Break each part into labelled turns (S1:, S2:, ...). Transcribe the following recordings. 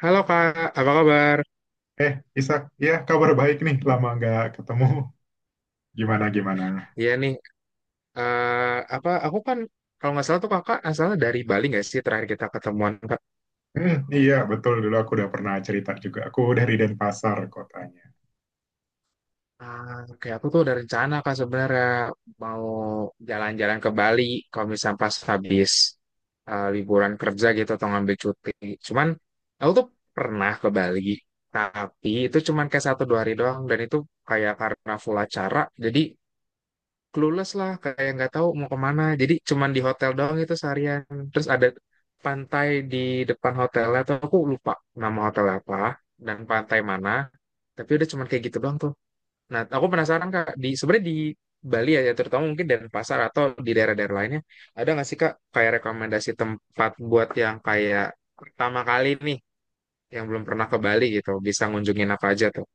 S1: Halo Kak, apa kabar?
S2: Eh, Isak, ya kabar baik nih, lama nggak ketemu. Gimana gimana?
S1: Iya nih, apa aku kan kalau nggak salah tuh Kakak asalnya dari Bali nggak sih, terakhir kita ketemuan Kak?
S2: Iya betul dulu aku udah pernah cerita juga. Aku dari Denpasar kotanya.
S1: Ah, oke, aku tuh ada rencana Kak sebenarnya mau jalan-jalan ke Bali kalau misalnya pas habis liburan kerja gitu atau ngambil cuti. Cuman aku tuh pernah ke Bali, tapi itu cuman kayak satu dua hari doang dan itu kayak karena full acara. Jadi clueless lah, kayak nggak tahu mau kemana, jadi cuman di hotel doang itu seharian. Terus ada pantai di depan hotelnya tuh, aku lupa nama hotel apa dan pantai mana, tapi udah cuman kayak gitu doang tuh. Nah, aku penasaran Kak, di sebenarnya di Bali ya, terutama mungkin pasar atau di daerah-daerah lainnya, ada nggak sih Kak kayak rekomendasi tempat buat yang kayak pertama kali nih, yang belum pernah ke Bali gitu bisa ngunjungin apa aja tuh?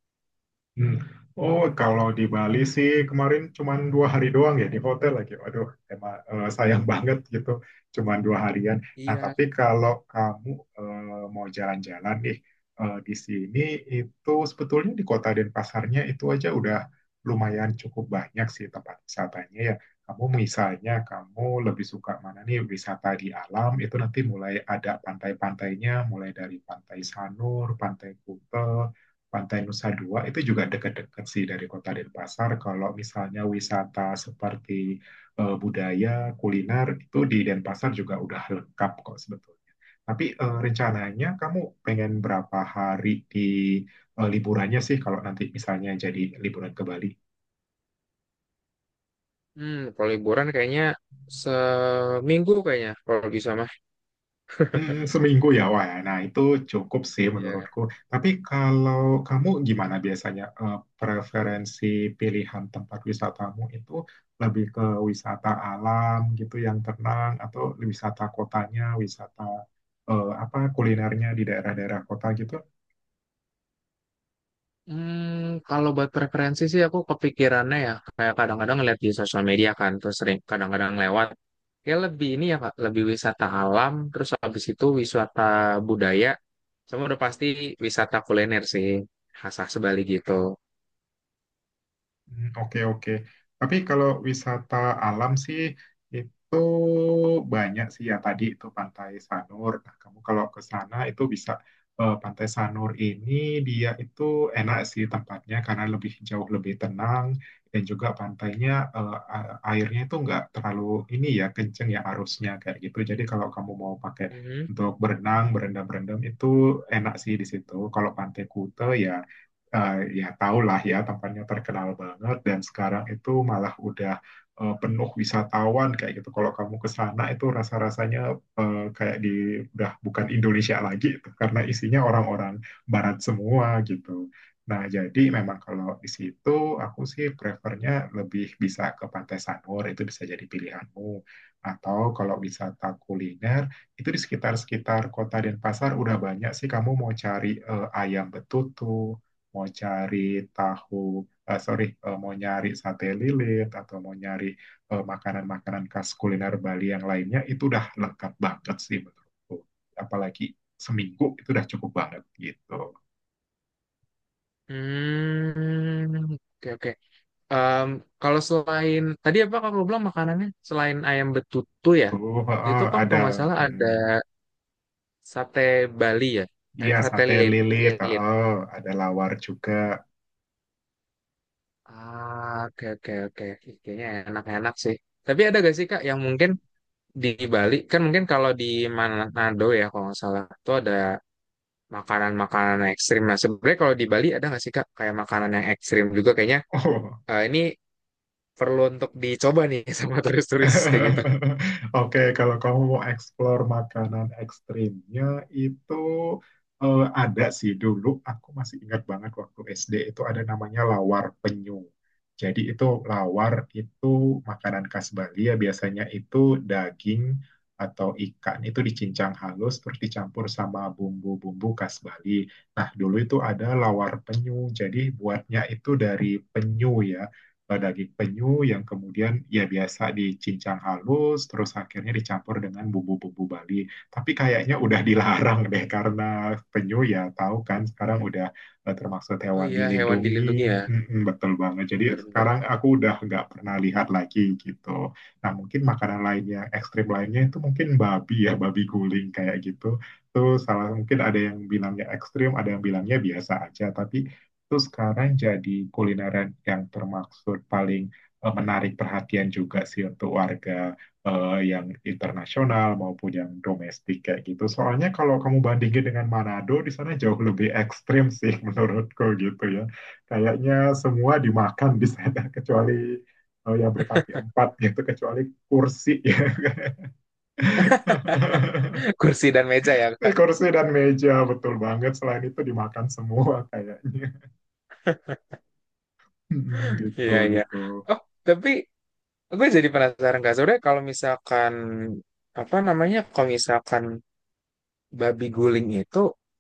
S2: Hmm. Oh, kalau di Bali sih kemarin cuman 2 hari doang ya di hotel lagi. Waduh, emang sayang banget gitu, cuman 2 harian. Nah,
S1: Iya.
S2: tapi kalau kamu mau jalan-jalan nih di sini itu sebetulnya di kota Denpasarnya itu aja udah lumayan cukup banyak sih tempat wisatanya ya. Kamu misalnya kamu lebih suka mana nih wisata di alam itu nanti mulai ada pantai-pantainya, mulai dari Pantai Sanur, Pantai Kuta, Pantai Nusa Dua itu juga dekat-dekat sih dari Kota Denpasar. Kalau misalnya wisata seperti budaya, kuliner itu di Denpasar juga udah lengkap kok sebetulnya. Tapi rencananya kamu pengen berapa hari di liburannya sih kalau nanti misalnya jadi liburan ke Bali?
S1: Kalau liburan kayaknya seminggu, kayaknya kalau bisa mah.
S2: Seminggu ya, wah, nah itu cukup sih
S1: Iya.
S2: menurutku. Tapi kalau kamu gimana biasanya preferensi pilihan tempat wisatamu itu lebih ke wisata alam gitu yang tenang atau wisata kotanya, wisata apa kulinernya di daerah-daerah kota gitu.
S1: Kalau buat preferensi sih, aku kepikirannya ya kayak kadang-kadang ngeliat di sosial media kan, terus sering kadang-kadang lewat, ya lebih ini ya Kak, lebih wisata alam, terus habis itu wisata budaya, sama udah pasti wisata kuliner sih, khas khas Bali gitu.
S2: Hmm, oke, oke. Tapi kalau wisata alam sih itu banyak sih ya tadi itu Pantai Sanur. Nah, kamu kalau ke sana itu bisa Pantai Sanur ini dia itu enak sih tempatnya karena lebih jauh lebih tenang dan juga pantainya airnya itu nggak terlalu ini ya kenceng ya arusnya kayak gitu. Jadi kalau kamu mau pakai
S1: Mhm.
S2: untuk berenang, berendam-berendam itu enak sih di situ. Kalau Pantai Kuta ya ya tahulah ya tempatnya terkenal banget dan sekarang itu malah udah penuh wisatawan kayak gitu. Kalau kamu ke sana itu rasa-rasanya kayak di udah bukan Indonesia lagi itu karena isinya orang-orang barat semua gitu. Nah, jadi memang kalau di situ aku sih prefernya lebih bisa ke Pantai Sanur, itu bisa jadi pilihanmu. Atau kalau wisata kuliner itu di sekitar-sekitar kota Denpasar udah banyak sih, kamu mau cari ayam betutu, mau cari tahu, eh, sorry, eh, mau nyari sate lilit, atau mau nyari makanan-makanan khas kuliner Bali yang lainnya, itu udah lengkap banget sih menurutku. Apalagi seminggu itu udah cukup banget gitu.
S1: Hmm, oke, oke. Em, Kalau selain tadi apa kamu bilang makanannya, selain ayam betutu ya,
S2: Tuh heeh,
S1: itu kan
S2: ada,
S1: kalau nggak salah ada
S2: mm,
S1: sate Bali ya, Eh,
S2: iya
S1: sate
S2: sate lilit,
S1: lilit.
S2: heeh, ada lawar juga.
S1: Ah, oke, oke, oke. Kayaknya enak-enak sih. Tapi ada gak sih Kak yang mungkin di Bali? Kan mungkin kalau di Manado ya, kalau nggak salah tuh ada makanan-makanan ekstrim. Nah, sebenarnya kalau di Bali ada nggak sih Kak kayak makanan yang ekstrim juga, kayaknya ini perlu untuk dicoba nih sama turis-turis kayak gitu.
S2: Oke, kalau kamu mau explore makanan ekstrimnya itu ada sih dulu. Aku masih ingat banget waktu SD itu ada namanya lawar penyu. Jadi itu lawar itu makanan khas Bali ya, biasanya itu daging atau ikan itu dicincang halus terus dicampur sama bumbu-bumbu khas Bali. Nah, dulu itu ada lawar penyu. Jadi buatnya itu dari penyu ya daging penyu yang kemudian ya biasa dicincang halus terus akhirnya dicampur dengan bumbu-bumbu Bali. Tapi kayaknya udah dilarang deh, karena penyu ya tahu kan sekarang udah termasuk
S1: Oh
S2: hewan
S1: iya, hewan dilindungi ya.
S2: dilindungi. Mm-mm, betul banget. Jadi sekarang
S1: Bener-bener.
S2: aku udah nggak pernah lihat lagi gitu. Nah, mungkin makanan lain yang ekstrim lainnya itu mungkin babi ya, babi guling kayak gitu. Tuh salah, mungkin ada yang bilangnya ekstrim, ada yang bilangnya biasa aja. Tapi itu sekarang jadi kulineran yang termaksud paling menarik perhatian juga sih untuk warga yang internasional maupun yang domestik kayak gitu. Soalnya kalau kamu bandingin dengan Manado, di sana jauh lebih ekstrim sih menurutku gitu ya. Kayaknya semua dimakan di sana kecuali yang berkaki empat gitu, kecuali kursi ya.
S1: Kursi dan meja ya Kak.
S2: Kursi dan meja betul banget. Selain itu dimakan semua kayaknya. Gitu
S1: Iya, iya.
S2: gitu.
S1: Oh, tapi gue jadi penasaran Kak Sore, kalau misalkan babi guling itu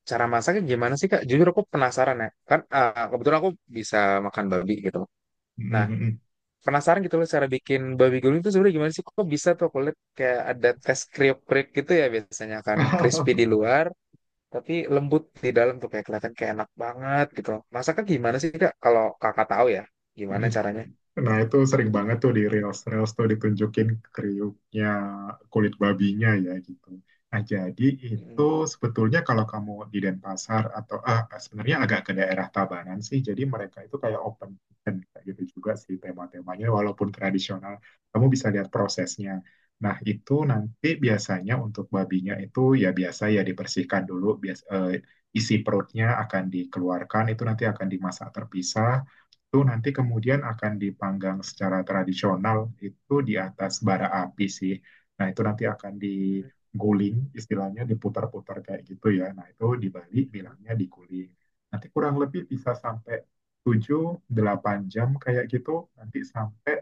S1: cara masaknya gimana sih Kak? Jujur aku penasaran ya. Kan kebetulan aku bisa makan babi gitu. Nah,
S2: Mhm
S1: penasaran gitu loh, cara bikin babi guling itu sebenarnya gimana sih? Kok bisa tuh kulit kayak ada tes kriuk-kriuk gitu ya, biasanya kan crispy di
S2: mhm.
S1: luar tapi lembut di dalam tuh, kayak kelihatan kayak enak banget gitu loh. Masaknya gimana sih Kak? Kalau Kakak tahu ya, gimana caranya?
S2: Nah, itu sering banget tuh di reels-reels tuh ditunjukin kriuknya kulit babinya ya gitu. Nah, jadi itu
S1: Mm.
S2: sebetulnya kalau kamu di Denpasar atau ah, sebenarnya agak ke daerah Tabanan sih, jadi mereka itu kayak open kitchen kayak gitu juga sih tema-temanya, walaupun tradisional, kamu bisa lihat prosesnya. Nah, itu nanti biasanya untuk babinya itu ya biasa ya dibersihkan dulu, isi perutnya akan dikeluarkan, itu nanti akan dimasak terpisah, itu nanti kemudian akan dipanggang secara tradisional itu di atas bara api sih. Nah, itu nanti akan diguling, istilahnya diputar-putar kayak gitu ya. Nah, itu di Bali bilangnya diguling. Nanti kurang lebih bisa sampai 7-8 jam kayak gitu. Nanti sampai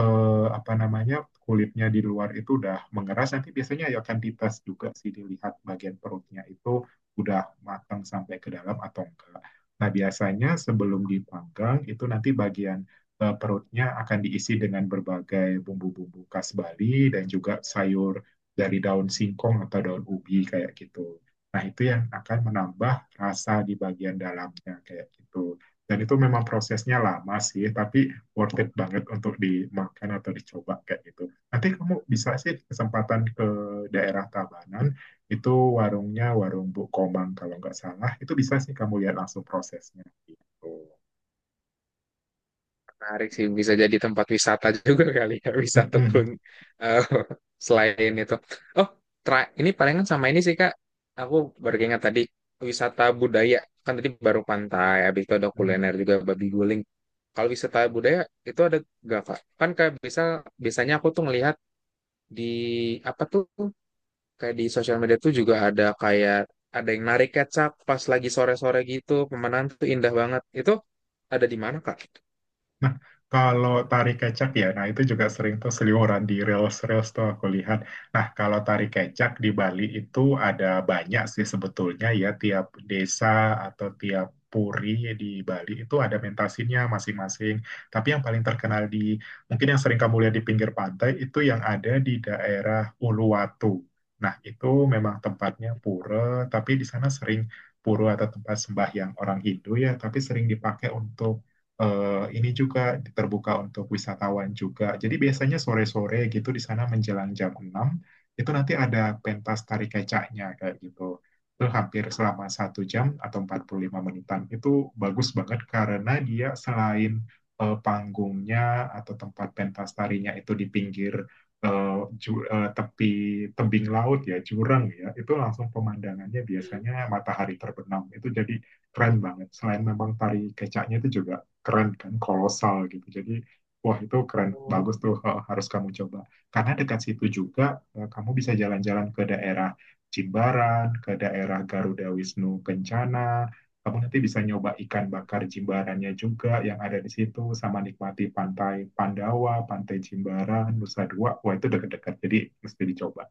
S2: apa namanya? Kulitnya di luar itu udah mengeras. Nanti biasanya ya akan dites juga sih dilihat bagian perutnya itu udah matang sampai ke dalam atau enggak. Nah, biasanya sebelum dipanggang itu nanti bagian perutnya akan diisi dengan berbagai bumbu-bumbu khas Bali dan juga sayur dari daun singkong atau daun ubi kayak gitu. Nah, itu yang akan menambah rasa di bagian dalamnya kayak gitu. Dan itu memang prosesnya lama sih, tapi worth it banget untuk dimakan atau dicoba kayak gitu. Nanti kamu bisa sih kesempatan ke daerah Tabanan, itu warungnya warung Bu Komang kalau nggak salah. Itu bisa sih kamu lihat langsung prosesnya. Gitu.
S1: Menarik sih, bisa jadi tempat wisata juga kali ya, wisata pun,
S2: Mm-mm.
S1: eh, selain itu. Oh, ini palingan sama ini sih Kak, aku baru ingat tadi, wisata budaya, kan tadi baru pantai, habis itu ada
S2: Mm-mm.
S1: kuliner juga, babi guling. Kalau wisata budaya, itu ada gak Kak? Kan kayak bisa, biasanya aku tuh ngelihat di, apa tuh, kayak di sosial media tuh juga ada kayak, ada yang narik kecap pas lagi sore-sore gitu, pemandangan tuh indah banget. Itu ada di mana Kak?
S2: Nah, kalau tari kecak ya, nah itu juga sering tuh seliweran di reels-reels tuh aku lihat. Nah, kalau tari kecak di Bali itu ada banyak sih sebetulnya ya, tiap desa atau tiap puri di Bali itu ada mentasinya masing-masing. Tapi yang paling terkenal di, mungkin yang sering kamu lihat di pinggir pantai, itu yang ada di daerah Uluwatu. Nah, itu memang tempatnya pura, tapi di sana sering pura atau tempat sembahyang orang Hindu ya, tapi sering dipakai untuk ini juga terbuka untuk wisatawan juga. Jadi biasanya sore-sore gitu di sana menjelang jam 6 itu nanti ada pentas tari kecaknya kayak gitu. Itu hampir selama 1 jam atau 45 menitan. Itu bagus banget karena dia selain panggungnya atau tempat pentas tarinya itu di pinggir eh, tepi tebing laut ya, jurang ya. Itu langsung pemandangannya biasanya matahari terbenam. Itu jadi keren banget. Selain memang tari kecaknya itu juga keren kan kolosal gitu, jadi wah itu keren
S1: Hmm.
S2: bagus tuh harus kamu coba karena dekat situ juga kamu bisa jalan-jalan ke daerah Jimbaran, ke daerah Garuda Wisnu Kencana, kamu nanti bisa nyoba ikan bakar Jimbarannya juga yang ada di situ sama nikmati pantai Pandawa, Pantai Jimbaran, Nusa Dua, wah itu dekat-dekat, jadi mesti dicoba.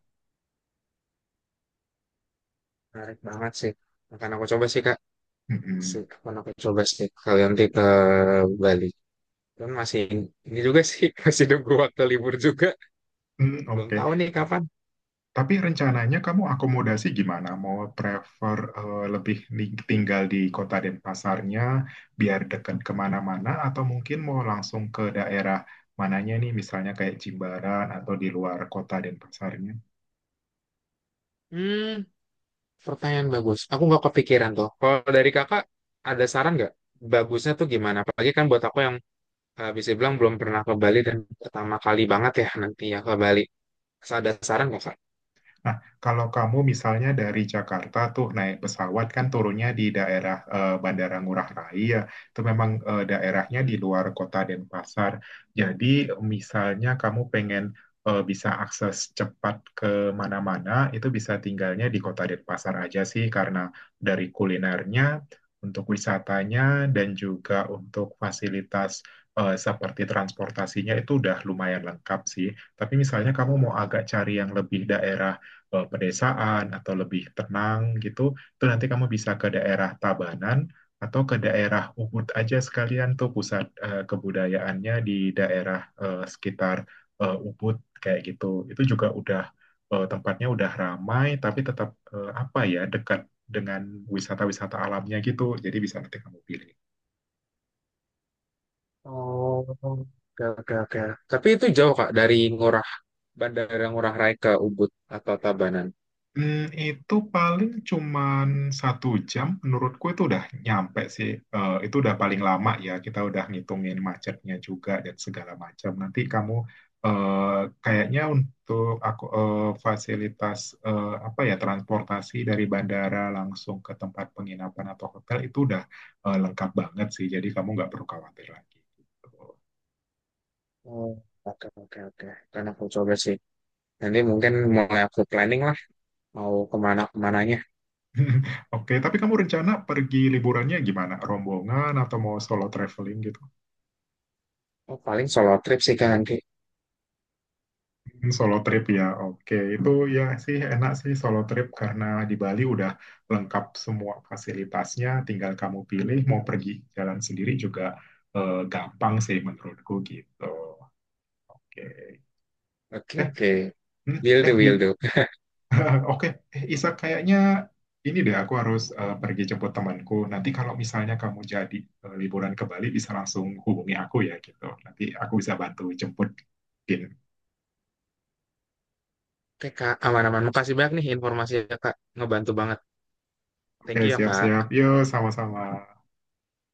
S1: Menarik banget sih. Akan aku coba sih Kak.
S2: Mm-mm.
S1: Akan aku coba sih kalau nanti ke Bali. Dan masih ini juga sih masih nunggu waktu libur juga.
S2: Hmm,
S1: Belum
S2: oke.
S1: tahu nih kapan.
S2: Tapi rencananya kamu akomodasi gimana? Mau prefer lebih tinggal di kota Denpasarnya biar dekat kemana-mana, atau mungkin mau langsung ke daerah mananya nih misalnya kayak Jimbaran atau di luar kota Denpasarnya?
S1: Hmm, Pertanyaan bagus. Aku nggak kepikiran tuh. Kalau dari Kakak ada saran nggak? Bagusnya tuh gimana? Apalagi kan buat aku yang bisa bilang belum pernah ke Bali, dan pertama kali banget ya nanti ya ke Bali. Ada saran nggak
S2: Nah, kalau kamu misalnya dari Jakarta tuh naik pesawat kan turunnya di daerah Bandara Ngurah Rai ya, itu memang daerahnya di
S1: Kak?
S2: luar kota Denpasar. Jadi misalnya kamu pengen bisa akses cepat ke mana-mana, itu bisa tinggalnya di kota Denpasar aja sih, karena dari kulinernya, untuk wisatanya dan juga untuk fasilitas seperti transportasinya itu udah lumayan lengkap sih. Tapi misalnya kamu mau agak cari yang lebih daerah pedesaan atau lebih tenang gitu, itu nanti kamu bisa ke daerah Tabanan atau ke daerah Ubud aja sekalian, tuh pusat kebudayaannya di daerah sekitar Ubud kayak gitu. Itu juga udah tempatnya udah ramai tapi tetap eh, apa ya dekat dengan wisata-wisata alamnya gitu. Jadi bisa nanti kamu pilih.
S1: Oh, oke, oke, oke. Tapi itu jauh Kak dari Bandara Ngurah Rai ke Ubud atau Tabanan?
S2: Itu paling cuman 1 jam, menurutku itu udah nyampe sih. Eh, itu udah paling lama ya, kita udah ngitungin macetnya juga dan segala macam. Nanti kamu kayaknya untuk aku fasilitas apa ya transportasi dari bandara langsung ke tempat penginapan atau hotel itu udah lengkap banget sih. Jadi kamu nggak perlu khawatir lagi gitu.
S1: Oh, oke, oke, oke. Kan aku coba sih. Nanti mungkin mulai aku planning lah mau kemana kemananya.
S2: Oke, tapi kamu rencana pergi liburannya gimana? Rombongan atau mau solo traveling gitu?
S1: Oh, paling solo trip sih Kak nanti.
S2: Hmm, solo trip ya, oke. Itu ya sih enak sih solo trip karena di Bali udah lengkap semua fasilitasnya, tinggal kamu pilih mau pergi jalan sendiri juga gampang sih menurutku gitu. Oke.
S1: Oke,
S2: Eh,
S1: oke.
S2: hmm,
S1: Will do, will
S2: gitu.
S1: do.
S2: Oke, Isa, kayaknya ini deh aku harus pergi jemput temanku. Nanti kalau misalnya kamu jadi liburan ke Bali bisa langsung hubungi aku ya gitu. Nanti aku bisa bantu jemput.
S1: Oke Kak, aman-aman. Makasih banyak nih informasinya Kak. Ngebantu banget.
S2: Oke,
S1: Thank you ya
S2: siap-siap.
S1: Kak.
S2: Yuk, sama-sama.